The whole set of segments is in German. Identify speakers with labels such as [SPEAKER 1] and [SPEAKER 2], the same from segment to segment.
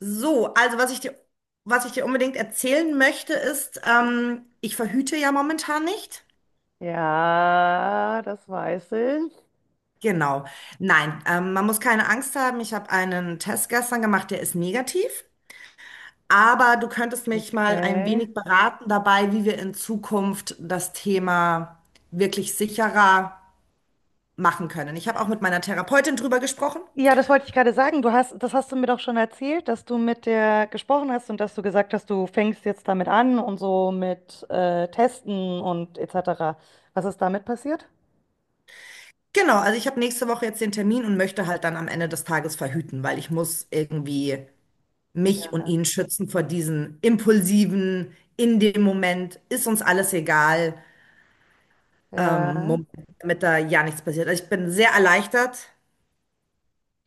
[SPEAKER 1] So, also was ich dir unbedingt erzählen möchte, ist, ich verhüte ja momentan nicht.
[SPEAKER 2] Ja, das weiß ich.
[SPEAKER 1] Genau. Nein, man muss keine Angst haben. Ich habe einen Test gestern gemacht, der ist negativ. Aber du könntest mich mal ein
[SPEAKER 2] Okay.
[SPEAKER 1] wenig beraten dabei, wie wir in Zukunft das Thema wirklich sicherer machen können. Ich habe auch mit meiner Therapeutin drüber gesprochen.
[SPEAKER 2] Ja, das wollte ich gerade sagen. Du hast, das hast du mir doch schon erzählt, dass du mit der gesprochen hast und dass du gesagt hast, du fängst jetzt damit an und so mit Testen und etc. Was ist damit passiert?
[SPEAKER 1] Genau, also ich habe nächste Woche jetzt den Termin und möchte halt dann am Ende des Tages verhüten, weil ich muss irgendwie mich und
[SPEAKER 2] Ja.
[SPEAKER 1] ihn schützen vor diesen impulsiven, in dem Moment ist uns alles egal,
[SPEAKER 2] Ja.
[SPEAKER 1] Moment, damit da ja nichts passiert. Also ich bin sehr erleichtert,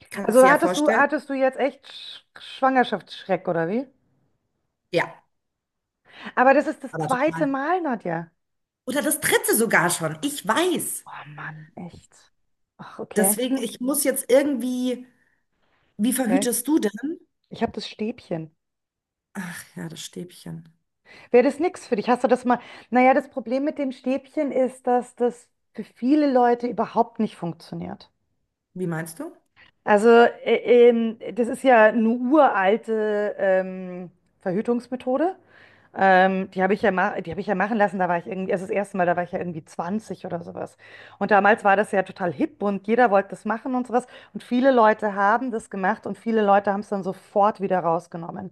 [SPEAKER 1] kannst du
[SPEAKER 2] Also
[SPEAKER 1] dir ja vorstellen.
[SPEAKER 2] hattest du jetzt echt Schwangerschaftsschreck oder wie?
[SPEAKER 1] Ja,
[SPEAKER 2] Aber das ist das
[SPEAKER 1] aber
[SPEAKER 2] zweite
[SPEAKER 1] total.
[SPEAKER 2] Mal, Nadja.
[SPEAKER 1] Oder das dritte sogar schon, ich weiß.
[SPEAKER 2] Oh Mann, echt. Ach, okay.
[SPEAKER 1] Deswegen, ich muss jetzt irgendwie, wie
[SPEAKER 2] Okay.
[SPEAKER 1] verhütest du denn?
[SPEAKER 2] Ich habe das Stäbchen.
[SPEAKER 1] Ach ja, das Stäbchen.
[SPEAKER 2] Wäre das nichts für dich? Hast du das mal? Naja, das Problem mit dem Stäbchen ist, dass das für viele Leute überhaupt nicht funktioniert.
[SPEAKER 1] Wie meinst du?
[SPEAKER 2] Also, das ist ja eine uralte Verhütungsmethode. Die habe ich ja ma die habe ich ja machen lassen. Da war ich irgendwie, also das erste Mal, da war ich ja irgendwie 20 oder sowas. Und damals war das ja total hip und jeder wollte das machen und sowas. Und viele Leute haben das gemacht und viele Leute haben es dann sofort wieder rausgenommen.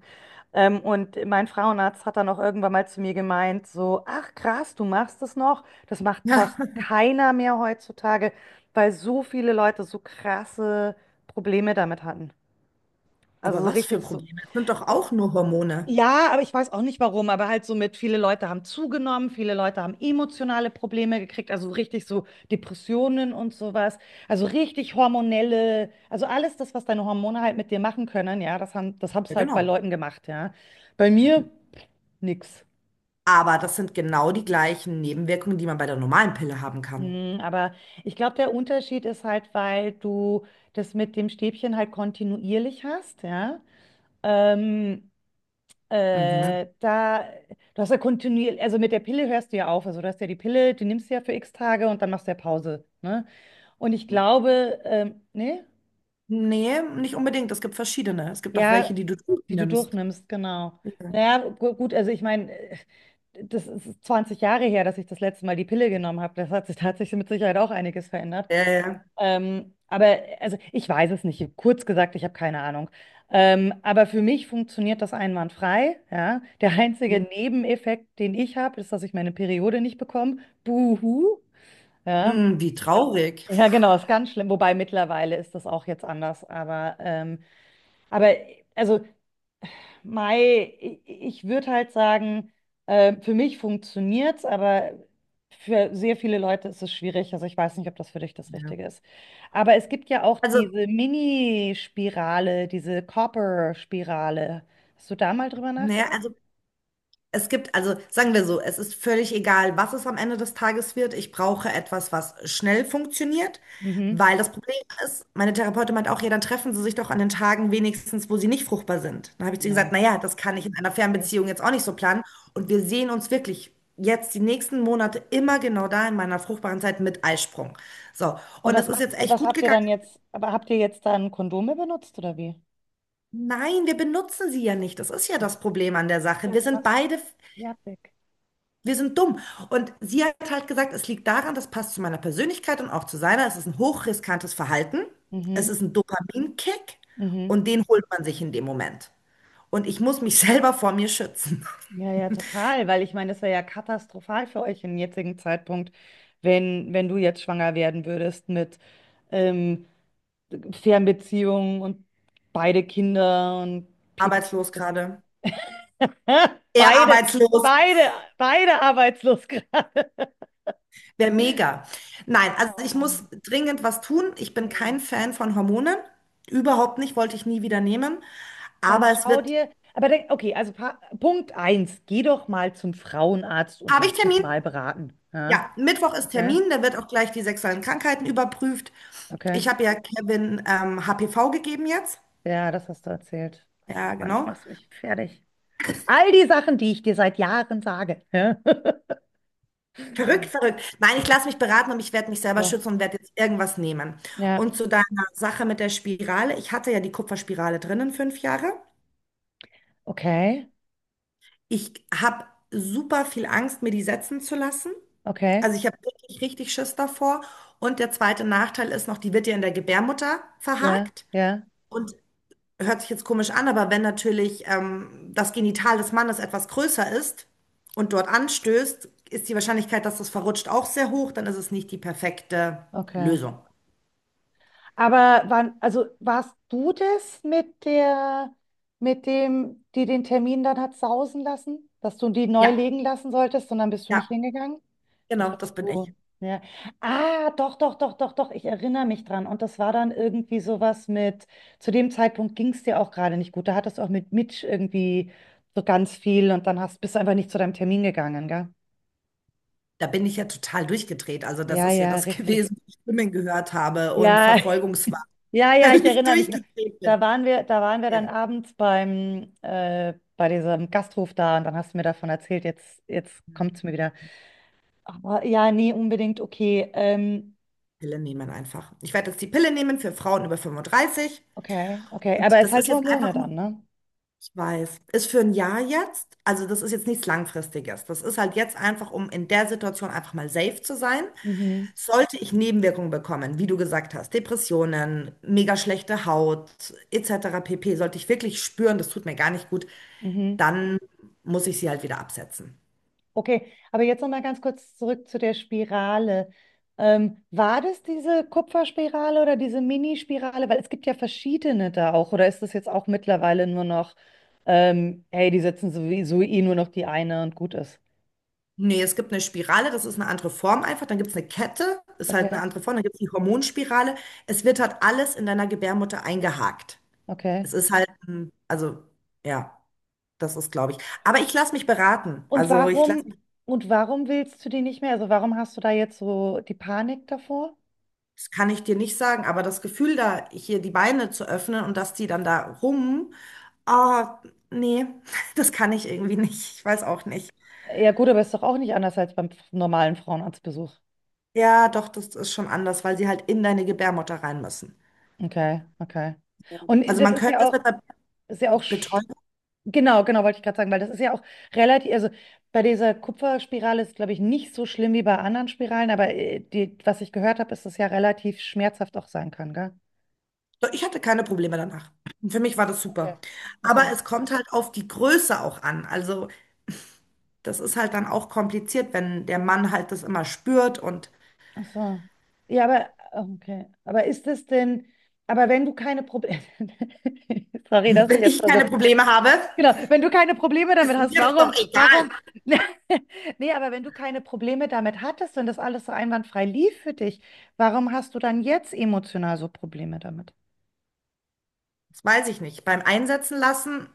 [SPEAKER 2] Und mein Frauenarzt hat dann auch irgendwann mal zu mir gemeint, so, ach krass, du machst das noch. Das macht
[SPEAKER 1] Ja.
[SPEAKER 2] fast keiner mehr heutzutage, weil so viele Leute so krasse Probleme damit hatten. Also
[SPEAKER 1] Aber
[SPEAKER 2] so
[SPEAKER 1] was für
[SPEAKER 2] richtig so,
[SPEAKER 1] Probleme? Das sind doch auch nur Hormone.
[SPEAKER 2] ja, aber ich weiß auch nicht warum, aber halt so mit, viele Leute haben zugenommen, viele Leute haben emotionale Probleme gekriegt, also richtig so Depressionen und sowas, also richtig hormonelle, also alles das, was deine Hormone halt mit dir machen können, ja, das haben, das hab's
[SPEAKER 1] Ja,
[SPEAKER 2] halt bei
[SPEAKER 1] genau.
[SPEAKER 2] Leuten gemacht, ja. Bei mir nix.
[SPEAKER 1] Aber das sind genau die gleichen Nebenwirkungen, die man bei der normalen Pille haben kann.
[SPEAKER 2] Hm, aber ich glaube, der Unterschied ist halt, weil du das mit dem Stäbchen halt kontinuierlich hast, ja. Ähm,
[SPEAKER 1] Mhm.
[SPEAKER 2] Äh, da, Du hast ja kontinuierlich, also mit der Pille hörst du ja auf. Also du hast ja die Pille, die nimmst du ja für x Tage und dann machst du ja Pause, ne? Und ich glaube, ne?
[SPEAKER 1] Nee, nicht unbedingt. Es gibt verschiedene. Es gibt auch welche,
[SPEAKER 2] Ja,
[SPEAKER 1] die du
[SPEAKER 2] die du
[SPEAKER 1] nimmst.
[SPEAKER 2] durchnimmst, genau.
[SPEAKER 1] Ja.
[SPEAKER 2] Naja, gut, also ich meine, das ist 20 Jahre her, dass ich das letzte Mal die Pille genommen habe. Das hat sich, da hat sich mit Sicherheit auch einiges verändert.
[SPEAKER 1] Ja, ja.
[SPEAKER 2] Aber also ich weiß es nicht. Kurz gesagt, ich habe keine Ahnung. Aber für mich funktioniert das einwandfrei. Ja? Der einzige
[SPEAKER 1] Mhm.
[SPEAKER 2] Nebeneffekt, den ich habe, ist, dass ich meine Periode nicht bekomme. Buhu. Ja.
[SPEAKER 1] Mhm, wie traurig.
[SPEAKER 2] Ja, genau, ist ganz schlimm. Wobei mittlerweile ist das auch jetzt anders. Aber also Mei, i- ich würde halt sagen, für mich funktioniert's, aber für sehr viele Leute ist es schwierig. Also ich weiß nicht, ob das für dich das
[SPEAKER 1] Ja.
[SPEAKER 2] Richtige ist. Aber es gibt ja auch
[SPEAKER 1] Also,
[SPEAKER 2] diese Mini-Spirale, diese Copper-Spirale. Hast du da mal drüber
[SPEAKER 1] naja,
[SPEAKER 2] nachgedacht?
[SPEAKER 1] also es gibt, also sagen wir so, es ist völlig egal, was es am Ende des Tages wird. Ich brauche etwas, was schnell funktioniert,
[SPEAKER 2] Mhm.
[SPEAKER 1] weil das Problem ist, meine Therapeutin meint auch, ja, dann treffen Sie sich doch an den Tagen wenigstens, wo Sie nicht fruchtbar sind. Dann habe ich zu ihr
[SPEAKER 2] Ja.
[SPEAKER 1] gesagt, naja, das kann ich in einer
[SPEAKER 2] Okay.
[SPEAKER 1] Fernbeziehung jetzt auch nicht so planen. Und wir sehen uns wirklich jetzt die nächsten Monate immer genau da in meiner fruchtbaren Zeit mit Eisprung. So,
[SPEAKER 2] Und
[SPEAKER 1] und es
[SPEAKER 2] was
[SPEAKER 1] ist
[SPEAKER 2] macht,
[SPEAKER 1] jetzt
[SPEAKER 2] und
[SPEAKER 1] echt
[SPEAKER 2] was
[SPEAKER 1] gut
[SPEAKER 2] habt ihr
[SPEAKER 1] gegangen.
[SPEAKER 2] dann jetzt, aber habt ihr jetzt dann Kondome benutzt oder wie?
[SPEAKER 1] Nein, wir benutzen sie ja nicht. Das ist ja
[SPEAKER 2] Ach,
[SPEAKER 1] das Problem an der Sache.
[SPEAKER 2] ja,
[SPEAKER 1] Wir
[SPEAKER 2] du
[SPEAKER 1] sind
[SPEAKER 2] machst
[SPEAKER 1] beide.
[SPEAKER 2] fertig.
[SPEAKER 1] Wir sind dumm. Und sie hat halt gesagt, es liegt daran, das passt zu meiner Persönlichkeit und auch zu seiner. Es ist ein hochriskantes Verhalten. Es
[SPEAKER 2] Mhm.
[SPEAKER 1] ist ein Dopaminkick
[SPEAKER 2] Mhm.
[SPEAKER 1] und den holt man sich in dem Moment. Und ich muss mich selber vor mir schützen.
[SPEAKER 2] Ja, ja, total, weil ich meine, das wäre ja katastrophal für euch im jetzigen Zeitpunkt, wenn du jetzt schwanger werden würdest mit ähm, Fernbeziehungen und beide Kinder und Pipapo.
[SPEAKER 1] Arbeitslos
[SPEAKER 2] Das-
[SPEAKER 1] gerade. Er
[SPEAKER 2] Beide,
[SPEAKER 1] arbeitslos.
[SPEAKER 2] beide, beide arbeitslos gerade.
[SPEAKER 1] Wäre mega. Nein, also
[SPEAKER 2] Oh
[SPEAKER 1] ich muss
[SPEAKER 2] Mann.
[SPEAKER 1] dringend was tun. Ich bin
[SPEAKER 2] Hm.
[SPEAKER 1] kein Fan von Hormonen. Überhaupt nicht, wollte ich nie wieder nehmen.
[SPEAKER 2] Dann
[SPEAKER 1] Aber es
[SPEAKER 2] schau
[SPEAKER 1] wird.
[SPEAKER 2] dir, aber denk, okay, also Punkt eins, geh doch mal zum Frauenarzt und
[SPEAKER 1] Habe ich
[SPEAKER 2] lass dich
[SPEAKER 1] Termin?
[SPEAKER 2] mal beraten. Ja?
[SPEAKER 1] Ja, Mittwoch ist
[SPEAKER 2] Okay,
[SPEAKER 1] Termin, da wird auch gleich die sexuellen Krankheiten überprüft. Ich
[SPEAKER 2] okay.
[SPEAKER 1] habe ja Kevin HPV gegeben jetzt.
[SPEAKER 2] Ja, das hast du erzählt.
[SPEAKER 1] Ja,
[SPEAKER 2] Mann, du
[SPEAKER 1] genau.
[SPEAKER 2] machst mich fertig. All die Sachen, die ich dir seit Jahren sage. Ja,
[SPEAKER 1] Verrückt, verrückt. Nein, ich lasse mich beraten und ich werde mich selber
[SPEAKER 2] okay.
[SPEAKER 1] schützen und werde jetzt irgendwas nehmen.
[SPEAKER 2] Ja,
[SPEAKER 1] Und zu deiner Sache mit der Spirale. Ich hatte ja die Kupferspirale drinnen 5 Jahre.
[SPEAKER 2] okay,
[SPEAKER 1] Ich habe super viel Angst, mir die setzen zu lassen.
[SPEAKER 2] okay,
[SPEAKER 1] Also ich habe wirklich richtig Schiss davor. Und der zweite Nachteil ist noch, die wird ja in der Gebärmutter
[SPEAKER 2] ja,
[SPEAKER 1] verhakt.
[SPEAKER 2] ja,
[SPEAKER 1] Und hört sich jetzt komisch an, aber wenn natürlich das Genital des Mannes etwas größer ist und dort anstößt, ist die Wahrscheinlichkeit, dass das verrutscht, auch sehr hoch. Dann ist es nicht die perfekte
[SPEAKER 2] okay.
[SPEAKER 1] Lösung.
[SPEAKER 2] Aber wann, also warst du das mit der, mit dem, die den Termin dann hat sausen lassen, dass du die neu
[SPEAKER 1] Ja,
[SPEAKER 2] legen lassen solltest und dann bist du nicht
[SPEAKER 1] ja,
[SPEAKER 2] hingegangen? Das
[SPEAKER 1] genau, das
[SPEAKER 2] warst
[SPEAKER 1] bin ich.
[SPEAKER 2] du. Ja. Ah, doch, doch, doch, doch, doch. Ich erinnere mich dran. Und das war dann irgendwie sowas mit, zu dem Zeitpunkt ging es dir auch gerade nicht gut. Da hattest du auch mit Mitch irgendwie so ganz viel und bist du einfach nicht zu deinem Termin gegangen, gell?
[SPEAKER 1] Da bin ich ja total durchgedreht. Also das
[SPEAKER 2] Ja,
[SPEAKER 1] ist ja
[SPEAKER 2] ja,
[SPEAKER 1] das
[SPEAKER 2] richtig.
[SPEAKER 1] gewesen, was ich Stimmen gehört habe und
[SPEAKER 2] Ja,
[SPEAKER 1] Verfolgungswahn,
[SPEAKER 2] ja, ja, ich
[SPEAKER 1] weil ich
[SPEAKER 2] erinnere mich noch.
[SPEAKER 1] durchgedreht bin.
[SPEAKER 2] Da waren wir
[SPEAKER 1] Ja,
[SPEAKER 2] dann abends beim, bei diesem Gasthof da und dann hast du mir davon erzählt, jetzt kommt es mir wieder. Aber ja, nee, unbedingt, okay.
[SPEAKER 1] Pille nehmen einfach. Ich werde jetzt die Pille nehmen für Frauen über 35.
[SPEAKER 2] Okay, okay. Aber
[SPEAKER 1] Und
[SPEAKER 2] es ist
[SPEAKER 1] das ist
[SPEAKER 2] halt
[SPEAKER 1] jetzt
[SPEAKER 2] Hormone
[SPEAKER 1] einfach nur
[SPEAKER 2] dann, ne?
[SPEAKER 1] weiß. Ist für ein Jahr jetzt, also das ist jetzt nichts Langfristiges. Das ist halt jetzt einfach, um in der Situation einfach mal safe zu sein.
[SPEAKER 2] Mhm,
[SPEAKER 1] Sollte ich Nebenwirkungen bekommen, wie du gesagt hast, Depressionen, mega schlechte Haut, etc. pp., sollte ich wirklich spüren, das tut mir gar nicht gut,
[SPEAKER 2] mhm.
[SPEAKER 1] dann muss ich sie halt wieder absetzen.
[SPEAKER 2] Okay, aber jetzt noch mal ganz kurz zurück zu der Spirale. War das diese Kupferspirale oder diese Mini-Spirale? Weil es gibt ja verschiedene da auch. Oder ist das jetzt auch mittlerweile nur noch, hey, die setzen sowieso eh nur noch die eine und gut ist?
[SPEAKER 1] Nee, es gibt eine Spirale, das ist eine andere Form einfach. Dann gibt es eine Kette, ist halt eine
[SPEAKER 2] Okay,
[SPEAKER 1] andere Form. Dann gibt es die Hormonspirale. Es wird halt alles in deiner Gebärmutter eingehakt.
[SPEAKER 2] okay.
[SPEAKER 1] Es ist halt, also, ja. Das ist, glaube ich. Aber ich lasse mich beraten.
[SPEAKER 2] Und
[SPEAKER 1] Also ich lasse
[SPEAKER 2] warum,
[SPEAKER 1] mich,
[SPEAKER 2] und warum willst du die nicht mehr? Also warum hast du da jetzt so die Panik davor?
[SPEAKER 1] das kann ich dir nicht sagen, aber das Gefühl, da hier die Beine zu öffnen und dass die dann da rum, ah, nee, das kann ich irgendwie nicht. Ich weiß auch nicht.
[SPEAKER 2] Ja gut, aber ist doch auch nicht anders als beim normalen Frauenarztbesuch.
[SPEAKER 1] Ja, doch, das ist schon anders, weil sie halt in deine Gebärmutter rein müssen.
[SPEAKER 2] Okay, okay. Und
[SPEAKER 1] Also
[SPEAKER 2] das
[SPEAKER 1] man könnte es mit einer
[SPEAKER 2] ist ja auch
[SPEAKER 1] Betäubung.
[SPEAKER 2] Genau, genau, wollte ich gerade sagen, weil das ist ja auch relativ, also bei dieser Kupferspirale ist, glaube ich, nicht so schlimm wie bei anderen Spiralen, aber die, was ich gehört habe, ist, dass es ja relativ schmerzhaft auch sein kann, gell?
[SPEAKER 1] Doch, ich hatte keine Probleme danach. Für mich war das
[SPEAKER 2] Okay,
[SPEAKER 1] super. Aber
[SPEAKER 2] okay.
[SPEAKER 1] es kommt halt auf die Größe auch an. Also das ist halt dann auch kompliziert, wenn der Mann halt das immer spürt und
[SPEAKER 2] Ach so. Ja, aber, okay. Aber ist es denn, aber wenn du keine Probleme, sorry, dass ich
[SPEAKER 1] wenn
[SPEAKER 2] jetzt,
[SPEAKER 1] ich
[SPEAKER 2] also,
[SPEAKER 1] keine Probleme habe.
[SPEAKER 2] genau, wenn du keine Probleme damit
[SPEAKER 1] Ist
[SPEAKER 2] hast,
[SPEAKER 1] mir das doch egal.
[SPEAKER 2] warum, nee, aber wenn du keine Probleme damit hattest und das alles so einwandfrei lief für dich, warum hast du dann jetzt emotional so Probleme damit?
[SPEAKER 1] Das weiß ich nicht. Beim Einsetzen lassen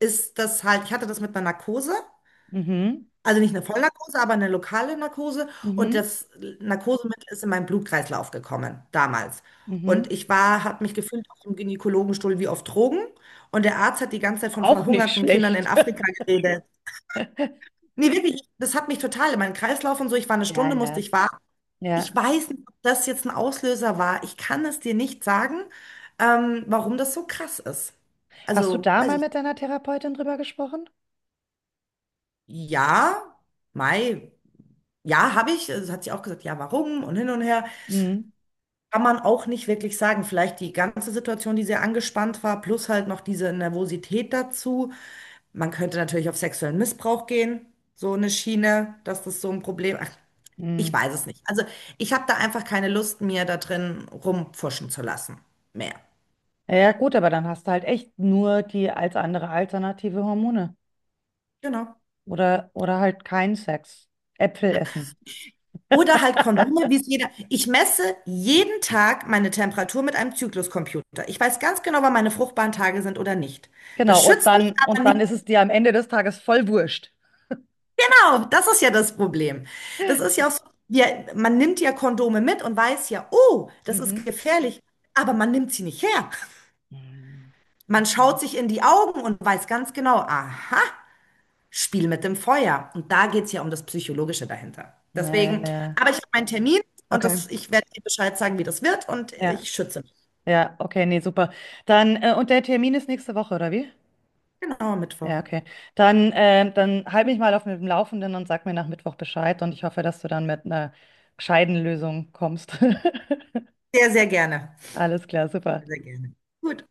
[SPEAKER 1] ist das halt, ich hatte das mit einer Narkose,
[SPEAKER 2] Mhm.
[SPEAKER 1] also nicht eine Vollnarkose, aber eine lokale Narkose und
[SPEAKER 2] Mhm.
[SPEAKER 1] das Narkosemittel ist in meinen Blutkreislauf gekommen damals. Und
[SPEAKER 2] Mhm.
[SPEAKER 1] ich war, habe mich gefühlt auf dem Gynäkologenstuhl wie auf Drogen und der Arzt hat die ganze Zeit von
[SPEAKER 2] Auch nicht
[SPEAKER 1] verhungerten Kindern in
[SPEAKER 2] schlecht.
[SPEAKER 1] Afrika geredet. Nee, wirklich, das hat mich total in meinen Kreislauf und so. Ich war eine
[SPEAKER 2] Ja,
[SPEAKER 1] Stunde, musste
[SPEAKER 2] ja,
[SPEAKER 1] ich warten. Ich
[SPEAKER 2] ja.
[SPEAKER 1] weiß nicht, ob das jetzt ein Auslöser war. Ich kann es dir nicht sagen, warum das so krass ist.
[SPEAKER 2] Hast du
[SPEAKER 1] Also,
[SPEAKER 2] da
[SPEAKER 1] weiß
[SPEAKER 2] mal
[SPEAKER 1] ich,
[SPEAKER 2] mit deiner Therapeutin drüber gesprochen?
[SPEAKER 1] ja, Mai, ja, habe ich. Also, es hat sie auch gesagt, ja, warum und hin und her.
[SPEAKER 2] Mhm.
[SPEAKER 1] Kann man auch nicht wirklich sagen. Vielleicht die ganze Situation, die sehr angespannt war, plus halt noch diese Nervosität dazu. Man könnte natürlich auf sexuellen Missbrauch gehen, so eine Schiene, dass das so ein Problem. Ach, ich
[SPEAKER 2] Mhm.
[SPEAKER 1] weiß es nicht. Also, ich habe da einfach keine Lust, mir da drin rumpfuschen zu lassen. Mehr.
[SPEAKER 2] Ja, gut, aber dann hast du halt echt nur die als andere alternative Hormone
[SPEAKER 1] Genau.
[SPEAKER 2] oder halt keinen Sex. Äpfel essen.
[SPEAKER 1] Oder halt Kondome, wie es jeder. Ich messe jeden Tag meine Temperatur mit einem Zykluscomputer. Ich weiß ganz genau, wann meine fruchtbaren Tage sind oder nicht. Das
[SPEAKER 2] Genau,
[SPEAKER 1] schützt mich aber
[SPEAKER 2] und dann
[SPEAKER 1] nicht.
[SPEAKER 2] ist es dir am Ende des Tages voll wurscht.
[SPEAKER 1] Genau, das ist ja das Problem. Das ist ja auch so, wir, man nimmt ja Kondome mit und weiß ja, oh, das ist
[SPEAKER 2] Mhm.
[SPEAKER 1] gefährlich, aber man nimmt sie nicht her.
[SPEAKER 2] Mhm.
[SPEAKER 1] Man
[SPEAKER 2] Okay.
[SPEAKER 1] schaut sich in die Augen und weiß ganz genau, aha, Spiel mit dem Feuer. Und da geht es ja um das Psychologische dahinter.
[SPEAKER 2] Ja, ja,
[SPEAKER 1] Deswegen,
[SPEAKER 2] ja.
[SPEAKER 1] aber ich habe meinen Termin und
[SPEAKER 2] Okay.
[SPEAKER 1] das, ich werde dir Bescheid sagen, wie das wird und
[SPEAKER 2] Ja,
[SPEAKER 1] ich schütze mich.
[SPEAKER 2] ja, okay, nee, super. Dann und der Termin ist nächste Woche, oder wie?
[SPEAKER 1] Genau, Mittwoch.
[SPEAKER 2] Ja, okay. Dann, dann halt mich mal auf dem Laufenden und sag mir nach Mittwoch Bescheid und ich hoffe, dass du dann mit einer gescheiten Lösung kommst.
[SPEAKER 1] Sehr, sehr gerne.
[SPEAKER 2] Alles klar, super.
[SPEAKER 1] Sehr gerne. Gut.